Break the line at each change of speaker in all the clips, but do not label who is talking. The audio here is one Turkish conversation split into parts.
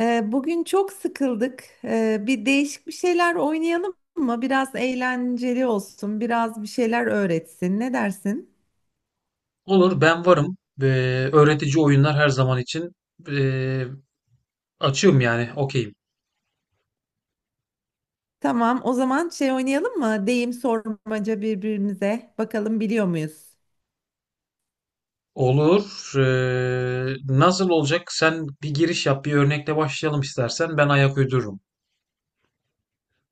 Bugün çok sıkıldık. Bir değişik bir şeyler oynayalım mı? Biraz eğlenceli olsun, biraz bir şeyler öğretsin. Ne dersin?
Olur, ben varım. Öğretici oyunlar her zaman için ee, açığım, yani okeyim.
Tamam, o zaman şey oynayalım mı? Deyim sormaca birbirimize. Bakalım biliyor muyuz?
Olur. Nasıl olacak? Sen bir giriş yap, bir örnekle başlayalım istersen. Ben ayak uydururum.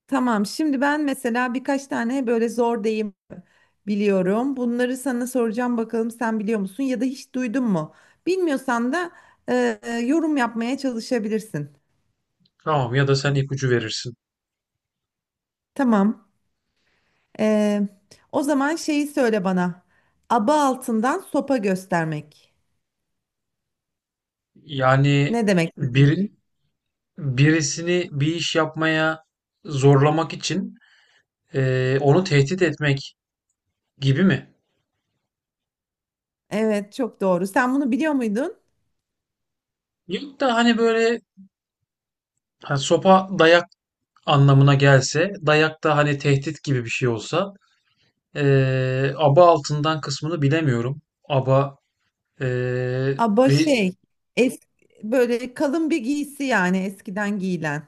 Tamam, şimdi ben mesela birkaç tane böyle zor deyim biliyorum. Bunları sana soracağım, bakalım sen biliyor musun ya da hiç duydun mu? Bilmiyorsan da yorum yapmaya çalışabilirsin.
Tamam, ya da sen ipucu verirsin.
Tamam. Ee, O zaman şeyi söyle bana. Aba altından sopa göstermek.
Yani
Ne demek?
bir birisini bir iş yapmaya zorlamak için onu tehdit etmek gibi mi?
Evet, çok doğru. Sen bunu biliyor muydun?
Yok, da hani böyle ha, sopa dayak anlamına gelse, dayak da hani tehdit gibi bir şey olsa, aba altından kısmını bilemiyorum. Aba
Aba
bir...
şey, es böyle kalın bir giysi yani eskiden giyilen.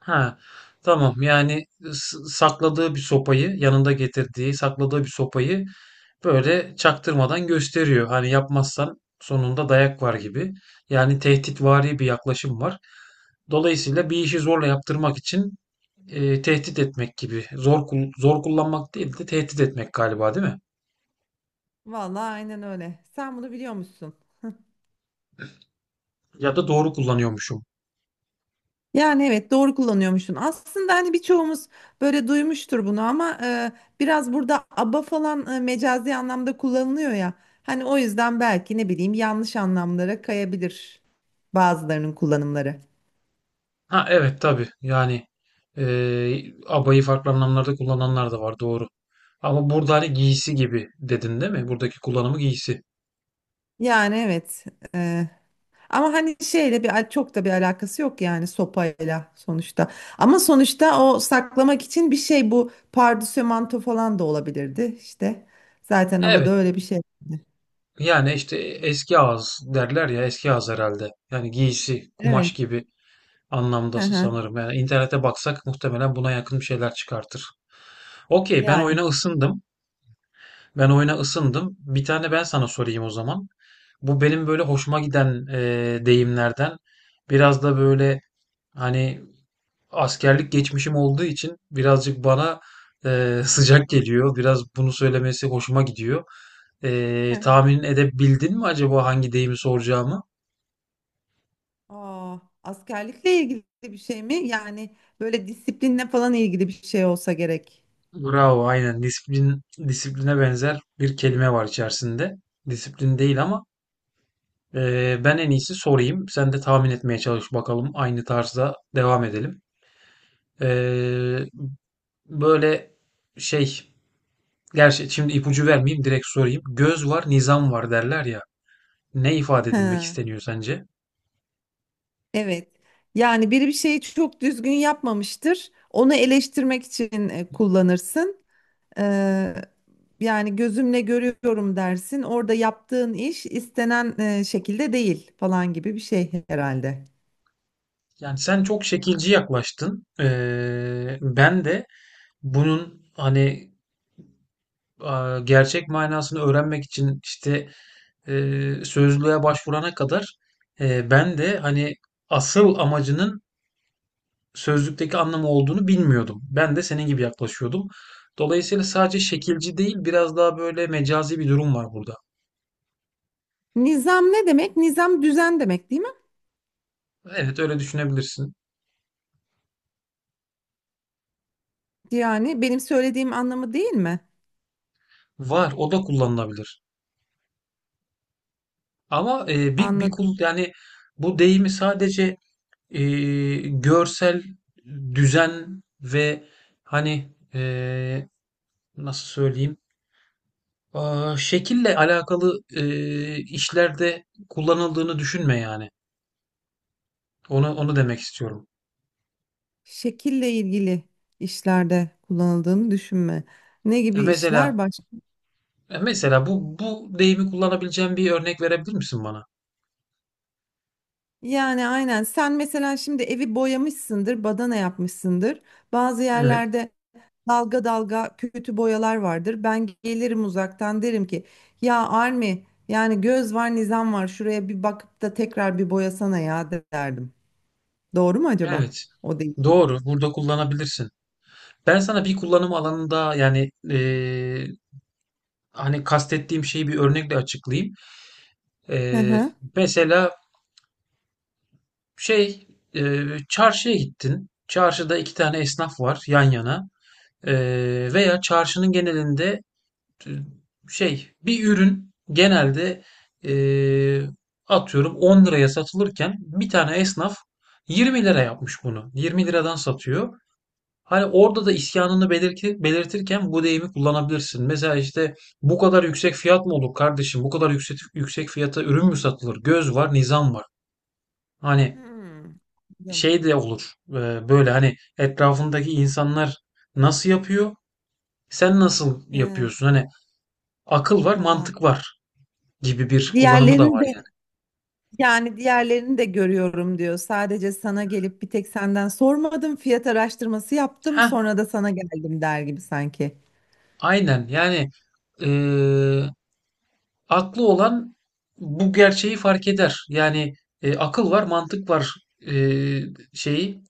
Ha, tamam. Yani sakladığı bir sopayı, yanında getirdiği, sakladığı bir sopayı böyle çaktırmadan gösteriyor. Hani yapmazsan sonunda dayak var gibi. Yani tehditvari bir yaklaşım var. Dolayısıyla bir işi zorla yaptırmak için tehdit etmek gibi. Zor kullanmak değil de tehdit etmek galiba, değil mi?
Vallahi aynen öyle. Sen bunu biliyor musun?
Ya da doğru kullanıyormuşum.
Yani evet, doğru kullanıyormuşsun. Aslında hani birçoğumuz böyle duymuştur bunu, ama biraz burada aba falan mecazi anlamda kullanılıyor ya. Hani o yüzden belki ne bileyim yanlış anlamlara kayabilir bazılarının kullanımları.
Ha, evet tabii, yani abayı farklı anlamlarda kullananlar da var, doğru. Ama burada hani giysi gibi dedin, değil mi? Buradaki kullanımı giysi.
Yani evet. e, Ama hani şeyle çok da bir alakası yok yani sopayla sonuçta. Ama sonuçta o saklamak için bir şey, bu pardösü manto falan da olabilirdi işte. Zaten abada
Evet,
öyle bir şey.
yani işte eski ağız derler ya, eski ağız herhalde. Yani giysi, kumaş
Evet.
gibi anlamda
Hı hı.
sanırım. Yani internete baksak muhtemelen buna yakın bir şeyler çıkartır. Okey, ben
Yani.
oyuna ısındım. Ben oyuna ısındım. Bir tane ben sana sorayım o zaman. Bu benim böyle hoşuma giden deyimlerden, biraz da böyle hani askerlik geçmişim olduğu için birazcık bana sıcak geliyor. Biraz bunu söylemesi hoşuma gidiyor.
Hı hı.
Tahmin edebildin mi acaba hangi deyimi soracağımı?
Aa, askerlikle ilgili bir şey mi? Yani böyle disiplinle falan ilgili bir şey olsa gerek.
Bravo, aynen. Disiplin, disipline benzer bir kelime var içerisinde. Disiplin değil, ama ben en iyisi sorayım. Sen de tahmin etmeye çalış bakalım. Aynı tarzda devam edelim. Eee, böyle şey, Gerçi şimdi ipucu vermeyeyim, direkt sorayım. Göz var, nizam var derler ya. Ne ifade edilmek
Ha,
isteniyor sence?
evet. Yani biri bir şeyi çok düzgün yapmamıştır. Onu eleştirmek için kullanırsın. Ee, Yani gözümle görüyorum dersin. Orada yaptığın iş istenen şekilde değil falan gibi bir şey herhalde.
Yani sen çok şekilci yaklaştın. Ben de bunun hani gerçek manasını öğrenmek için işte sözlüğe başvurana kadar ben de hani asıl amacının sözlükteki anlamı olduğunu bilmiyordum. Ben de senin gibi yaklaşıyordum. Dolayısıyla sadece şekilci değil, biraz daha böyle mecazi bir durum var burada.
Nizam ne demek? Nizam düzen demek değil mi?
Evet, öyle düşünebilirsin.
Yani benim söylediğim anlamı değil mi?
Var, o da kullanılabilir. Ama e, bir bir
Anladım.
kul yani bu deyimi sadece e, görsel düzen ve hani nasıl söyleyeyim? Aa, şekille alakalı işlerde kullanıldığını düşünme yani. Onu demek istiyorum.
Şekille ilgili işlerde kullanıldığını düşünme. Ne
Ya
gibi işler
mesela
başka?
ya mesela bu deyimi kullanabileceğim bir örnek verebilir misin bana?
Yani aynen, sen mesela şimdi evi boyamışsındır, badana yapmışsındır. Bazı
Evet.
yerlerde dalga dalga kötü boyalar vardır. Ben gelirim uzaktan, derim ki ya Armi yani göz var nizam var, şuraya bir bakıp da tekrar bir boyasana ya derdim. Doğru mu acaba?
Evet.
O değil.
Doğru. Burada kullanabilirsin. Ben sana bir kullanım alanında, yani hani kastettiğim şeyi bir örnekle açıklayayım.
Hı
E,
hı.
Mesela şey çarşıya gittin. Çarşıda iki tane esnaf var yan yana. E, Veya çarşının genelinde bir ürün genelde, eee, atıyorum 10 liraya satılırken, bir tane esnaf 20 lira yapmış bunu. 20 liradan satıyor. Hani orada da isyanını belirtirken bu deyimi kullanabilirsin. Mesela işte, bu kadar yüksek fiyat mı olur kardeşim? Bu kadar yüksek fiyata ürün mü satılır? Göz var, nizam var. Hani
Hmm. Anladım.
şey de olur. Böyle hani etrafındaki insanlar nasıl yapıyor? Sen nasıl
He,
yapıyorsun? Hani akıl var,
tamam.
mantık var gibi bir kullanımı da
Diğerlerini
var
de
yani.
yani diğerlerini de görüyorum diyor. Sadece sana gelip bir tek senden sormadım, fiyat araştırması yaptım,
Heh,
sonra da sana geldim der gibi sanki.
aynen yani, eee, aklı olan bu gerçeği fark eder. Yani akıl var, mantık var eee, şeyi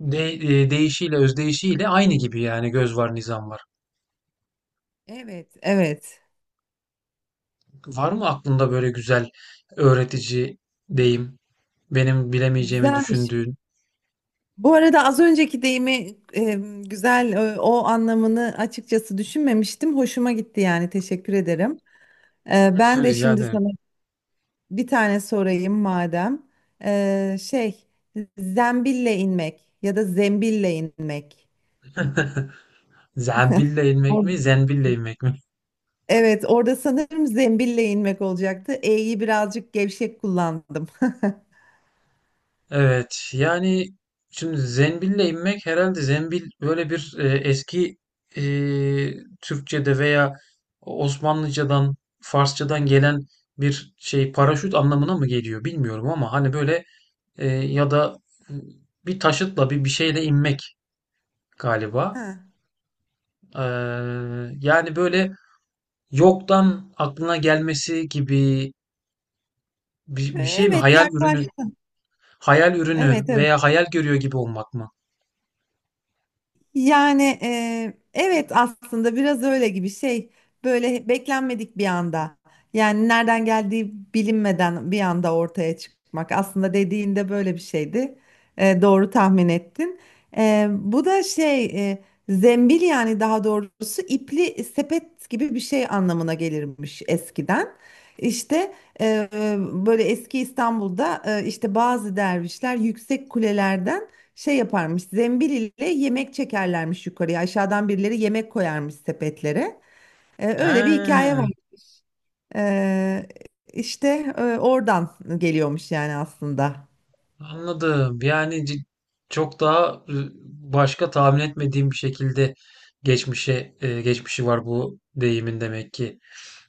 değişiyle, özdeyişiyle aynı gibi, yani göz var, nizam var.
Evet, evet.
Var mı aklında böyle güzel öğretici deyim? Benim bilemeyeceğimi
Güzelmiş.
düşündüğün.
Bu arada az önceki deyimi güzel, o anlamını açıkçası düşünmemiştim. Hoşuma gitti, yani teşekkür ederim. E, ben de
Rica
şimdi
ederim.
sana bir tane sorayım madem. E, şey, zembille inmek ya da zembille inmek.
Zembille inmek mi, zembille inmek mi?
Evet, orada sanırım zembille inmek olacaktı. E'yi birazcık gevşek kullandım.
Evet yani şimdi Zembil'le inmek herhalde. Zembil böyle bir eski e, Türkçe'de veya Osmanlıcadan, Farsçadan gelen bir şey. Paraşüt anlamına mı geliyor bilmiyorum, ama hani böyle e, ya da e, bir taşıtla bir şeyle inmek galiba.
Ha.
Eee, Yani böyle yoktan aklına gelmesi gibi bir şey mi?
Evet,
Hayal ürünü,
yaklaş.
hayal ürünü
Evet, evet.
veya hayal görüyor gibi olmak mı?
Yani evet aslında biraz öyle gibi, şey böyle beklenmedik bir anda, yani nereden geldiği bilinmeden bir anda ortaya çıkmak aslında, dediğinde böyle bir şeydi. E, doğru tahmin ettin. E, bu da şey, e, zembil yani daha doğrusu ipli sepet gibi bir şey anlamına gelirmiş eskiden işte. e, Böyle eski İstanbul'da işte bazı dervişler yüksek kulelerden şey yaparmış, zembil ile yemek çekerlermiş yukarıya, aşağıdan birileri yemek koyarmış sepetlere. Öyle bir hikaye
He.
var. Ee, işte oradan geliyormuş yani aslında.
Anladım. Yani çok daha başka, tahmin etmediğim bir şekilde geçmişi var bu deyimin demek ki.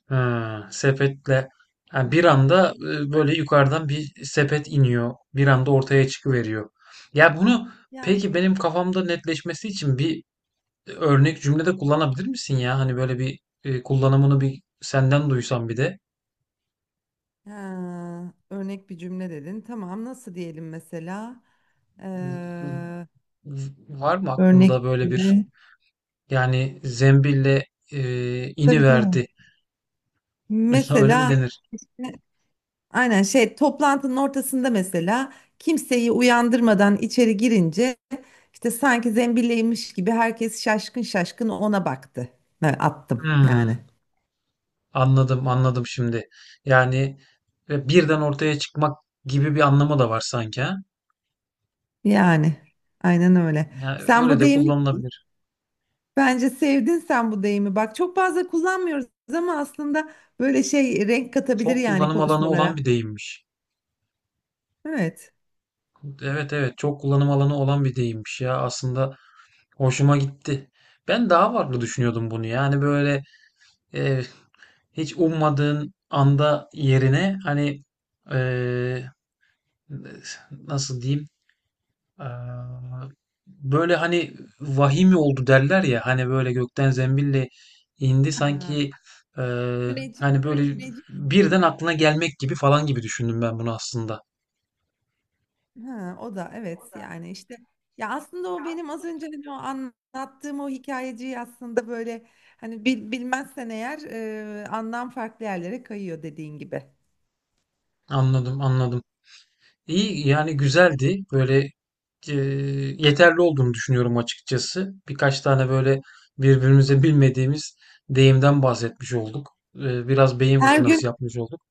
Ha, sepetle. Yani bir anda böyle yukarıdan bir sepet iniyor. Bir anda ortaya çıkıveriyor. Ya bunu, peki,
Yani.
benim kafamda netleşmesi için bir örnek cümlede kullanabilir misin ya? Hani böyle bir kullanımını bir senden duysam bir de.
Ha, örnek bir cümle dedin. Tamam, nasıl diyelim mesela?
V-
Ee,
Var mı
örnek
aklında böyle bir...
cümle.
Yani zembille ini
Tabii tabii.
verdi. Öyle mi
Mesela
denir?
işte aynen şey, toplantının ortasında mesela kimseyi uyandırmadan içeri girince işte sanki zembilleymiş gibi herkes şaşkın şaşkın ona baktı. Ben attım yani.
Hmm, anladım, anladım şimdi. Yani ve birden ortaya çıkmak gibi bir anlamı da var sanki, ha?
Yani aynen öyle.
Yani
Sen
öyle
bu
de
deyimi
kullanılabilir.
Bence sevdin sen bu deyimi. Bak çok fazla kullanmıyoruz ama aslında böyle şey renk katabilir
Çok
yani
kullanım alanı olan
konuşmalara.
bir deyimmiş.
Evet.
Evet, evet, çok kullanım alanı olan bir deyimmiş ya. Aslında hoşuma gitti. Ben daha farklı düşünüyordum bunu. Yani böyle eee, hiç ummadığın anda yerine hani, eee, nasıl diyeyim? Eee, Böyle hani vahimi oldu derler ya, hani böyle gökten zembille indi
Ha.
sanki,
Müneccim,
hani böyle
müneccim.
birden aklına gelmek gibi falan gibi düşündüm ben bunu aslında.
Ha, o da evet yani işte, ya aslında o benim az önce hani o anlattığım o hikayeciyi aslında böyle hani bilmezsen eğer anlam farklı yerlere kayıyor dediğin gibi.
Anladım, anladım. İyi, yani güzeldi. Böyle eee, yeterli olduğunu düşünüyorum açıkçası. Birkaç tane böyle birbirimize bilmediğimiz deyimden bahsetmiş olduk. Biraz beyin
Her gün
fırtınası yapmış olduk.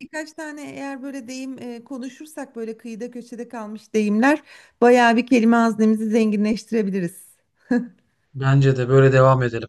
birkaç tane eğer böyle deyim konuşursak, böyle kıyıda köşede kalmış deyimler, bayağı bir kelime haznemizi zenginleştirebiliriz.
Bence de böyle devam edelim.